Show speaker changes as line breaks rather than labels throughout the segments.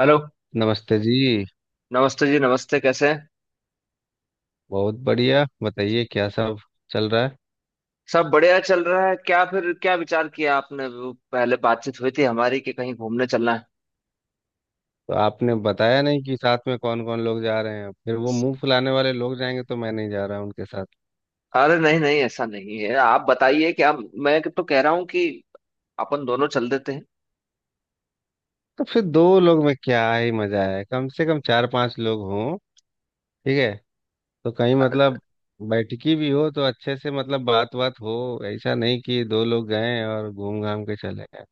Hello.
नमस्ते जी।
नमस्ते जी, नमस्ते। कैसे हैं?
बहुत बढ़िया, बताइए क्या सब चल रहा है।
सब बढ़िया चल रहा है? क्या फिर, क्या विचार किया आपने? वो पहले बातचीत हुई थी हमारी कि कहीं घूमने चलना है।
तो आपने बताया नहीं कि साथ में कौन कौन लोग जा रहे हैं। फिर वो मुंह फुलाने वाले लोग जाएंगे तो मैं नहीं जा रहा उनके साथ।
अरे नहीं नहीं, ऐसा नहीं है। आप बताइए, क्या मैं तो कह रहा हूँ कि अपन दोनों चल देते हैं।
तो फिर दो लोग में क्या ही मजा है, कम से कम चार पांच लोग हों। ठीक है। तो कहीं मतलब बैठकी भी हो तो अच्छे से मतलब बात बात हो। ऐसा नहीं कि दो लोग गए और घूम घाम के चले गए।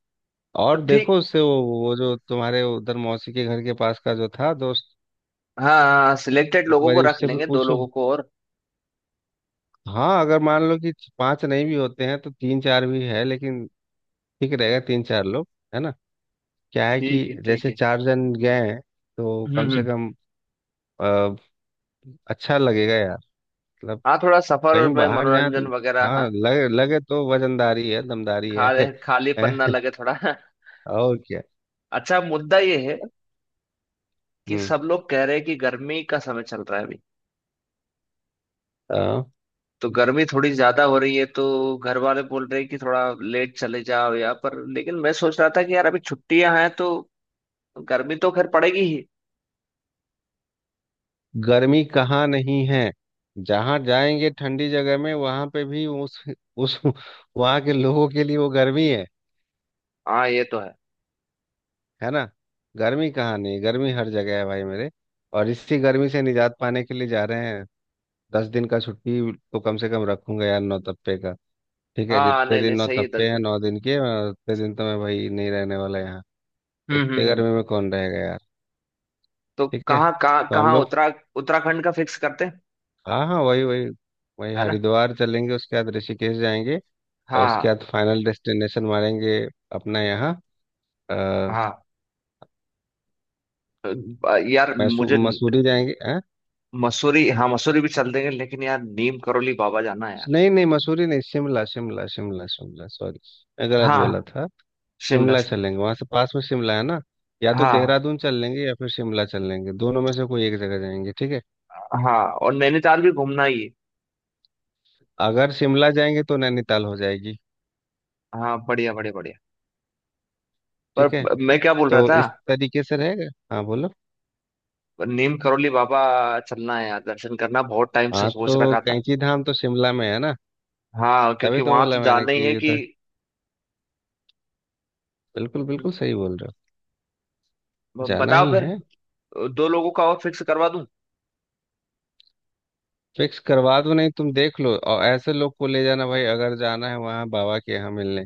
तो
और
ठीक।
देखो उससे, वो जो तुम्हारे उधर मौसी के घर के पास का जो था दोस्त,
हाँ, हाँ, सिलेक्टेड
एक
लोगों
बार
को रख
उससे भी
लेंगे, दो
पूछो।
लोगों को और।
हाँ अगर मान लो कि पांच नहीं भी होते हैं तो तीन चार भी है, लेकिन ठीक रहेगा तीन चार लोग, है ना। क्या है कि
ठीक है, ठीक
जैसे
है।
चार जन गए हैं तो
हम्म,
कम से
हम्म।
कम अ, अच्छा लगेगा यार, मतलब
हाँ, थोड़ा सफर
कहीं
में
बाहर जाए
मनोरंजन
तो।
वगैरह। हाँ,
हाँ लगे लगे तो वजनदारी है, दमदारी है,
खा खालीपन ना
हैं?
लगे थोड़ा।
और क्या।
अच्छा, मुद्दा ये है कि
हम्म।
सब लोग कह रहे हैं कि गर्मी का समय चल रहा है अभी,
अ,
तो गर्मी थोड़ी ज्यादा हो रही है। तो घर वाले बोल रहे हैं कि थोड़ा लेट चले जाओ, या पर लेकिन मैं सोच रहा था कि यार अभी छुट्टियां हैं तो गर्मी तो खैर पड़ेगी ही।
गर्मी कहाँ नहीं है। जहाँ जाएंगे ठंडी जगह में वहां पे भी उस वहां के लोगों के लिए वो गर्मी है
हाँ, ये तो है।
है ना। गर्मी कहाँ नहीं, गर्मी हर जगह है भाई मेरे। और इसी गर्मी से निजात पाने के लिए जा रहे हैं। 10 दिन का छुट्टी तो कम से कम रखूंगा यार नौतप्पे का। ठीक है,
हाँ,
जितने
नहीं
दिन
नहीं, सही है, दस
नौतप्पे हैं,
दिन
9 दिन के, मैं उतने दिन तो मैं भाई नहीं रहने वाला यहाँ।
हम्म,
इतने
हम्म, हम्म।
गर्मी में कौन रहेगा यार।
तो
ठीक है
कहाँ कहाँ
तो हम
कहाँ,
लोग,
उत्तराखंड का फिक्स करते हैं।
हाँ हाँ वही वही, वही
है ना?
हरिद्वार चलेंगे, उसके बाद ऋषिकेश जाएंगे, और उसके
हाँ,
बाद फाइनल डेस्टिनेशन मारेंगे अपना यहाँ अ,
हाँ। हाँ यार,
मैसू
मुझे
मसूरी जाएंगे।
मसूरी, हाँ मसूरी भी चल देंगे, लेकिन यार नीम करोली बाबा जाना है यार।
नहीं नहीं मसूरी नहीं, शिमला शिमला शिमला शिमला, सॉरी, मैं गलत बोला
हाँ,
था।
शिमला
शिमला
शिमला।
चलेंगे, वहां से पास में शिमला है ना। या तो
हाँ,
देहरादून चल लेंगे या फिर शिमला चल लेंगे, दोनों में से कोई एक जगह जाएंगे, ठीक है।
हाँ, और नैनीताल भी घूमना ही है।
अगर शिमला जाएंगे तो नैनीताल हो जाएगी।
हाँ, बढ़िया बढ़िया बढ़िया।
ठीक है,
पर मैं क्या बोल रहा
तो
था,
इस तरीके से रहेगा। हाँ बोलो।
नीम करोली बाबा चलना है यार, दर्शन करना बहुत टाइम से
हाँ तो
सोच रखा था।
कैंची धाम तो शिमला में है ना।
हाँ,
तभी
क्योंकि
तो
वहां तो
बोला मैंने
जाना ही है
कि
कि।
उधर, बिल्कुल बिल्कुल
ब-
सही बोल रहे हो, जाना
बताओ
ही
फिर,
है।
दो लोगों का और फिक्स करवा दूं।
फिक्स करवा दो, नहीं तुम देख लो, और ऐसे लोग को ले जाना भाई, अगर जाना है वहाँ बाबा के यहाँ मिलने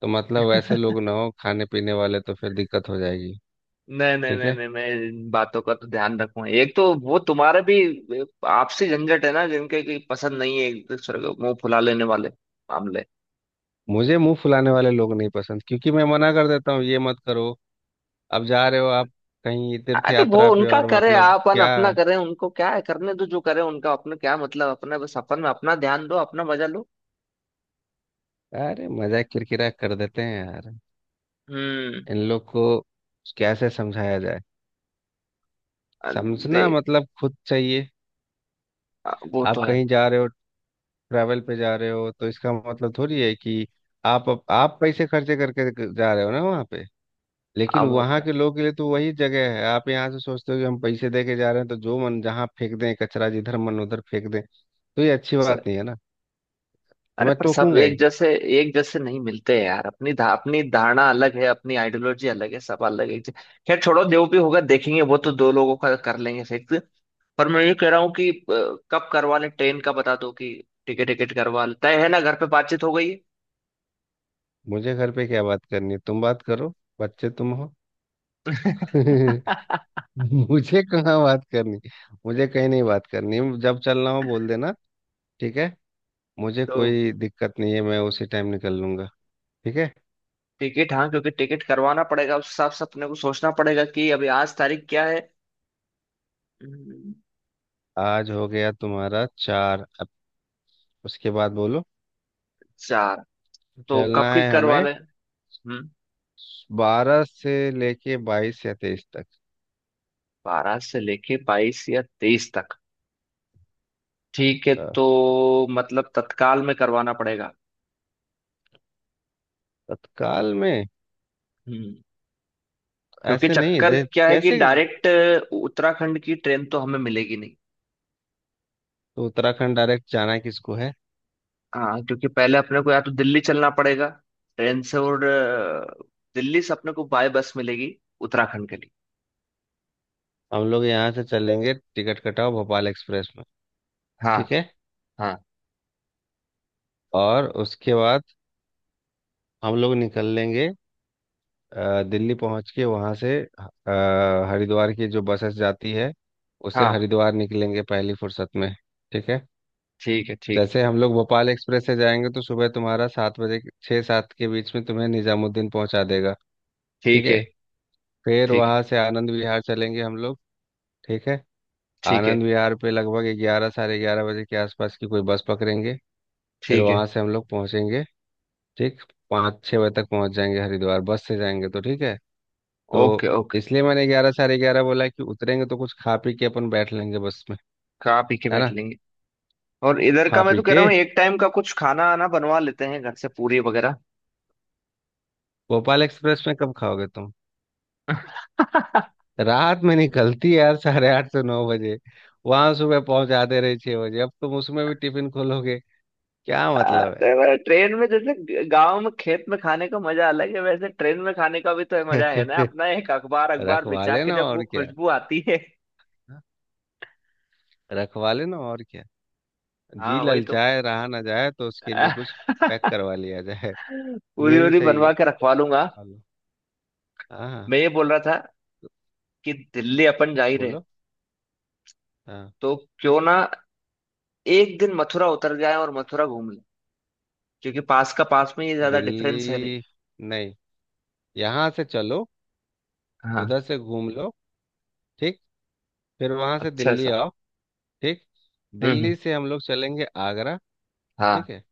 तो मतलब वैसे लोग ना हो खाने पीने वाले, तो फिर दिक्कत हो जाएगी।
नहीं नहीं
ठीक
नहीं
है।
नहीं, मैं इन बातों का तो ध्यान रखूंगा। एक तो वो तुम्हारे भी आपसी झंझट है ना, जिनके की पसंद नहीं है एक दूसरे को, मुंह फुला लेने वाले मामले।
मुझे मुंह फुलाने वाले लोग नहीं पसंद, क्योंकि मैं मना कर देता हूँ, ये मत करो। अब जा रहे हो आप कहीं तीर्थ
अरे वो
यात्रा पे
उनका
और
करे,
मतलब
अपन
क्या।
अपना करें। उनको क्या है, करने दो जो करे उनका। अपने क्या मतलब, अपने बस अपन में अपना ध्यान दो, अपना मजा लो।
अरे मजाक किरकिरा कर देते हैं यार
हम्म।
इन लोग को। कैसे समझाया जाए,
अ, दे
समझना मतलब खुद चाहिए।
वो तो
आप
है।
कहीं जा रहे हो, ट्रैवल पे जा रहे हो, तो इसका मतलब थोड़ी है कि आप पैसे खर्चे करके जा रहे हो ना वहाँ पे। लेकिन
अब
वहां के लोगों के लिए तो वही जगह है। आप यहाँ से सोचते हो कि हम पैसे दे के जा रहे हैं तो जो मन जहाँ फेंक दें कचरा, जिधर मन उधर फेंक दें, तो ये अच्छी
स-
बात नहीं है ना। तो
अरे,
मैं
पर सब
टोकूंगा
एक
ही।
जैसे, एक जैसे नहीं मिलते हैं यार। अपनी अपनी धारणा अलग है, अपनी आइडियोलॉजी अलग है, सब अलग है। खैर छोड़ो, जो भी होगा देखेंगे, वो तो दो लोगों का कर लेंगे फिक्स। पर मैं ये कह रहा हूँ कि कब करवा लें ट्रेन का बता दो, कि टिकट टिकट करवा लें। तय है ना, घर पे बातचीत हो गई है?
मुझे घर पे क्या बात करनी है, तुम बात करो, बच्चे तुम हो। मुझे कहाँ बात करनी, मुझे कहीं नहीं बात करनी, जब चलना हो बोल देना। ठीक है, मुझे
तो
कोई दिक्कत नहीं है, मैं उसी टाइम निकल लूंगा। ठीक है।
टिकट, हाँ क्योंकि टिकट करवाना पड़ेगा, उस हिसाब से अपने को सोचना पड़ेगा कि अभी आज तारीख क्या है। हम्म,
आज हो गया तुम्हारा चार, अब उसके बाद बोलो।
चार। तो कब
चलना
की
है
करवा
हमें
लें? हम्म,
12 से लेके 22 या 23 तक।
12 से लेके 22 या 23 तक। ठीक है,
अ,
तो मतलब तत्काल में करवाना पड़ेगा।
तत्काल में।
हम्म। क्योंकि
ऐसे नहीं
चक्कर
दे
क्या है कि
कैसे।
डायरेक्ट उत्तराखंड की ट्रेन तो हमें मिलेगी नहीं।
तो उत्तराखंड डायरेक्ट जाना किसको है।
हाँ, क्योंकि पहले अपने को या तो दिल्ली चलना पड़ेगा ट्रेन से, और दिल्ली से अपने को बाय बस मिलेगी उत्तराखंड के लिए।
हम लोग यहाँ से चलेंगे, टिकट कटाओ भोपाल एक्सप्रेस में।
हाँ,
ठीक है।
हाँ,
और उसके बाद हम लोग निकल लेंगे। दिल्ली पहुँच के वहाँ से हरिद्वार की जो बसेस जाती है, उससे
हाँ।
हरिद्वार निकलेंगे पहली फुर्सत में। ठीक है।
ठीक है, ठीक है,
जैसे हम लोग भोपाल एक्सप्रेस से जाएंगे तो सुबह तुम्हारा 7 बजे, छः सात के बीच में तुम्हें निजामुद्दीन पहुंचा देगा। ठीक
ठीक
है।
है,
फिर
ठीक है,
वहां से आनंद विहार चलेंगे हम लोग। ठीक है।
ठीक है,
आनंद विहार पे लगभग 11 साढ़े 11 बजे के आसपास की कोई बस पकड़ेंगे। फिर
ठीक है।
वहां से हम लोग पहुंचेंगे, ठीक, पाँच छः बजे तक पहुंच जाएंगे हरिद्वार, बस से जाएंगे तो, ठीक है।
ओके,
तो
ओके,
इसलिए मैंने 11 साढ़े 11 बोला कि उतरेंगे तो कुछ खा पी के अपन बैठ लेंगे बस में,
खा पी के
है
बैठ
ना।
लेंगे। और इधर का
खा
मैं
पी
तो कह रहा
के।
हूँ, एक टाइम का कुछ खाना आना बनवा लेते हैं घर से, पूरी वगैरह।
भोपाल एक्सप्रेस में कब खाओगे तुम। रात में निकलती है यार साढ़े 8 से 9 बजे, वहां सुबह पहुंचाते रहे 6 बजे, अब तुम उसमें भी टिफिन खोलोगे, क्या मतलब
तो ट्रेन में, जैसे गांव में खेत में खाने का मजा अलग है, वैसे ट्रेन में खाने का भी तो मजा है ना,
है।
अपना एक अखबार अखबार
रखवा
बिछा के
लेना
जब वो
और क्या,
खुशबू आती है।
रखवा लेना और क्या, जी
हाँ, वही तो।
ललचाए रहा ना जाए तो उसके लिए कुछ पैक करवा लिया जाए।
पूरी
ये भी
पूरी
सही है।
बनवा के रखवा लूंगा।
हेलो। हाँ हाँ
मैं ये बोल रहा था कि दिल्ली अपन जा ही रहे,
बोलो। हाँ
तो क्यों ना एक दिन मथुरा उतर जाए और मथुरा घूम लें, क्योंकि पास में ये ज्यादा डिफरेंस है नहीं।
दिल्ली, नहीं, यहाँ से चलो,
हाँ,
उधर से घूम लो, ठीक, फिर वहां से
अच्छा
दिल्ली
सा।
आओ, ठीक।
हम्म,
दिल्ली से हम लोग चलेंगे आगरा।
हाँ।
ठीक है,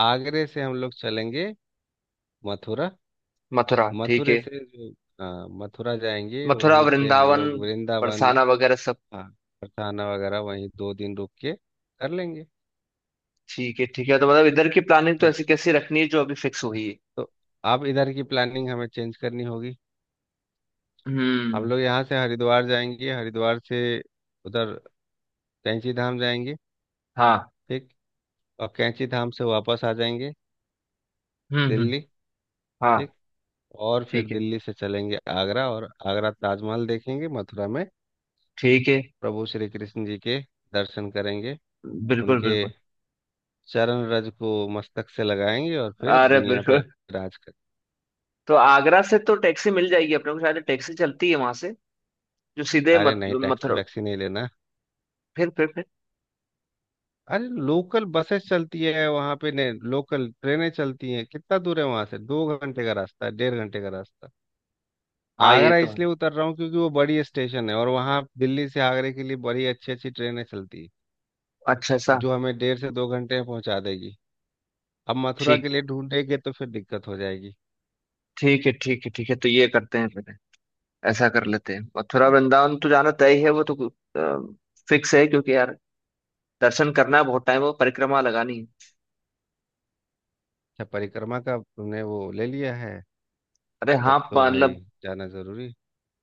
आगरे से हम लोग चलेंगे मथुरा।
मथुरा ठीक
मथुरे
है।
से जो, हाँ मथुरा जाएंगे,
मथुरा
वहीं से हम
वृंदावन,
लोग वृंदावन,
बरसाना वगैरह सब।
हाँ। और खाना वगैरह वहीं 2 दिन रुक के कर लेंगे।
ठीक है, ठीक है। तो मतलब इधर की प्लानिंग तो
तो
ऐसी कैसी रखनी है जो अभी फिक्स हुई है।
तो अब इधर की प्लानिंग हमें चेंज करनी होगी। हम
हम्म।
लोग यहाँ से हरिद्वार जाएंगे, हरिद्वार से उधर कैंची धाम जाएंगे,
हाँ।
ठीक। और कैंची धाम से वापस आ जाएंगे
हम्म, हम्म।
दिल्ली,
हाँ।
ठीक। और फिर
ठीक है,
दिल्ली से चलेंगे आगरा, और आगरा ताजमहल देखेंगे, मथुरा में
ठीक है।
प्रभु श्री कृष्ण जी के दर्शन करेंगे,
बिल्कुल
उनके
बिल्कुल।
चरण रज को मस्तक से लगाएंगे, और फिर
अरे
दुनिया
बिल्कुल।
पर राज कर।
तो आगरा से तो टैक्सी मिल जाएगी अपने को, शायद टैक्सी चलती है वहां से जो सीधे
अरे
मथ
नहीं, टैक्सी
मथुरा।
वैक्सी नहीं लेना।
फिर।
अरे लोकल बसेस चलती है वहां पे ने, लोकल ट्रेनें चलती हैं, कितना दूर है वहां से, 2 घंटे का रास्ता है, 1.5 घंटे का रास्ता।
हाँ, ये
आगरा
तो है।
इसलिए उतर रहा हूँ क्योंकि वो बड़ी स्टेशन है, और वहां दिल्ली से आगरे के लिए बड़ी अच्छी अच्छी ट्रेनें चलती है
अच्छा ऐसा।
जो हमें 1.5 से 2 घंटे में पहुंचा देगी। अब मथुरा के
ठीक,
लिए ढूंढेंगे तो फिर दिक्कत हो जाएगी,
ठीक है, ठीक है, ठीक है। तो ये करते हैं फिर, ऐसा कर लेते हैं। मथुरा
ठीक है।
वृंदावन तो जाना तय ही है, वो तो फिक्स है, क्योंकि यार दर्शन करना है बहुत टाइम, वो परिक्रमा लगानी है।
अच्छा परिक्रमा का तुमने वो ले लिया है,
अरे हाँ,
तब तो भाई
मतलब।
जाना जरूरी।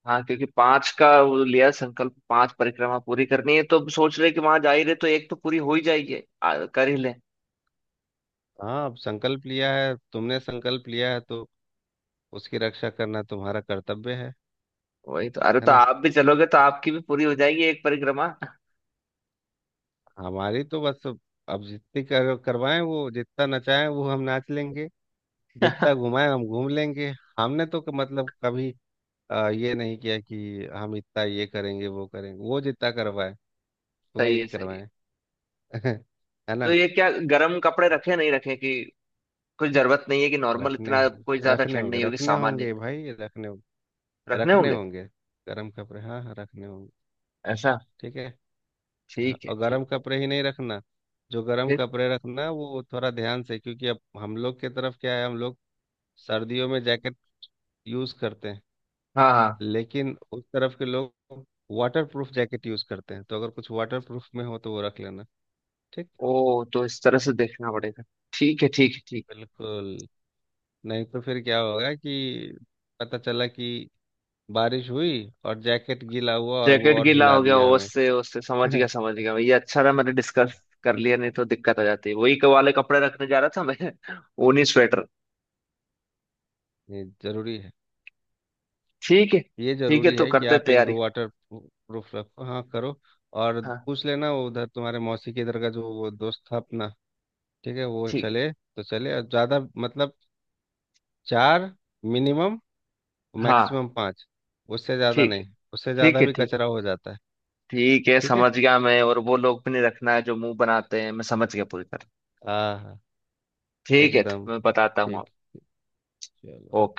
हाँ, क्योंकि 5 का वो लिया संकल्प 5 परिक्रमा पूरी करनी है, तो अब सोच रहे कि वहां जा ही रहे तो एक तो पूरी हो ही जाएगी, कर ही ले।
हाँ अब संकल्प लिया है तुमने, संकल्प लिया है तो उसकी रक्षा करना तुम्हारा कर्तव्य है
वही तो, अरे
है
तो
ना।
आप भी चलोगे तो आपकी भी पूरी हो जाएगी एक परिक्रमा।
हमारी तो बस अब जितनी करवाएं, वो जितना नचाएं वो हम नाच लेंगे, जितना घुमाएं हम घूम लेंगे। हमने तो मतलब कभी ये नहीं किया कि हम इतना ये करेंगे वो करेंगे, वो जितना करवाएं
सही है,
वही
सही है।
करवाएं। है
तो
ना।
ये क्या, गर्म कपड़े रखे नहीं रखे, कि कुछ जरूरत नहीं है, कि नॉर्मल,
रखने
इतना
हो
कोई ज्यादा
रखने
ठंड
होंगे,
नहीं होगी,
रखने
सामान्य।
होंगे भाई, रखने होंगे,
रखने
रखने
होंगे।
होंगे गरम कपड़े, हाँ हाँ, रखने होंगे।
ऐसा?
ठीक है। हाँ,
ठीक है,
और
ठीक।
गरम कपड़े ही नहीं रखना, जो गरम
फिर।
कपड़े रखना वो थोड़ा ध्यान से, क्योंकि अब हम लोग के तरफ क्या है, हम लोग सर्दियों में जैकेट यूज़ करते हैं,
हाँ, हाँ।
लेकिन उस तरफ के लोग वाटर प्रूफ जैकेट यूज़ करते हैं, तो अगर कुछ वाटर प्रूफ में हो तो वो रख लेना, ठीक।
ओ, तो इस तरह से देखना पड़ेगा। ठीक है, ठीक है, ठीक।
बिल्कुल, नहीं तो फिर क्या होगा कि पता चला कि बारिश हुई और जैकेट गीला हुआ और वो
जैकेट
और
गीला
हिला
हो गया
दिया हमें।
उससे, उससे समझ गया, समझ गया भैया। अच्छा रहा मैंने डिस्कस कर लिया, नहीं तो दिक्कत हो जाती, वही वाले कपड़े रखने जा रहा था मैं। ऊनी स्वेटर।
ये जरूरी है,
ठीक है।
ये
ठीक है,
जरूरी
तो
है कि
करते
आप एक
तैयारी।
दो वाटर प्रूफ रखो, हाँ करो। और
हाँ।
पूछ लेना वो उधर तुम्हारे मौसी के इधर का जो वो दोस्त था अपना, ठीक है, वो
ठीक
चले तो चले, और ज़्यादा मतलब, चार मिनिमम,
है। हाँ।
मैक्सिमम पाँच, उससे ज़्यादा
ठीक है,
नहीं, उससे
ठीक
ज़्यादा
है,
भी
ठीक।
कचरा हो जाता है।
ठीक है,
ठीक है।
समझ गया मैं। और वो लोग भी नहीं रखना है जो मुंह बनाते हैं, मैं समझ गया पूरी तरह।
हाँ हाँ
ठीक है,
एकदम।
मैं बताता हूँ आपको।
ठीक। चलो।
ओके।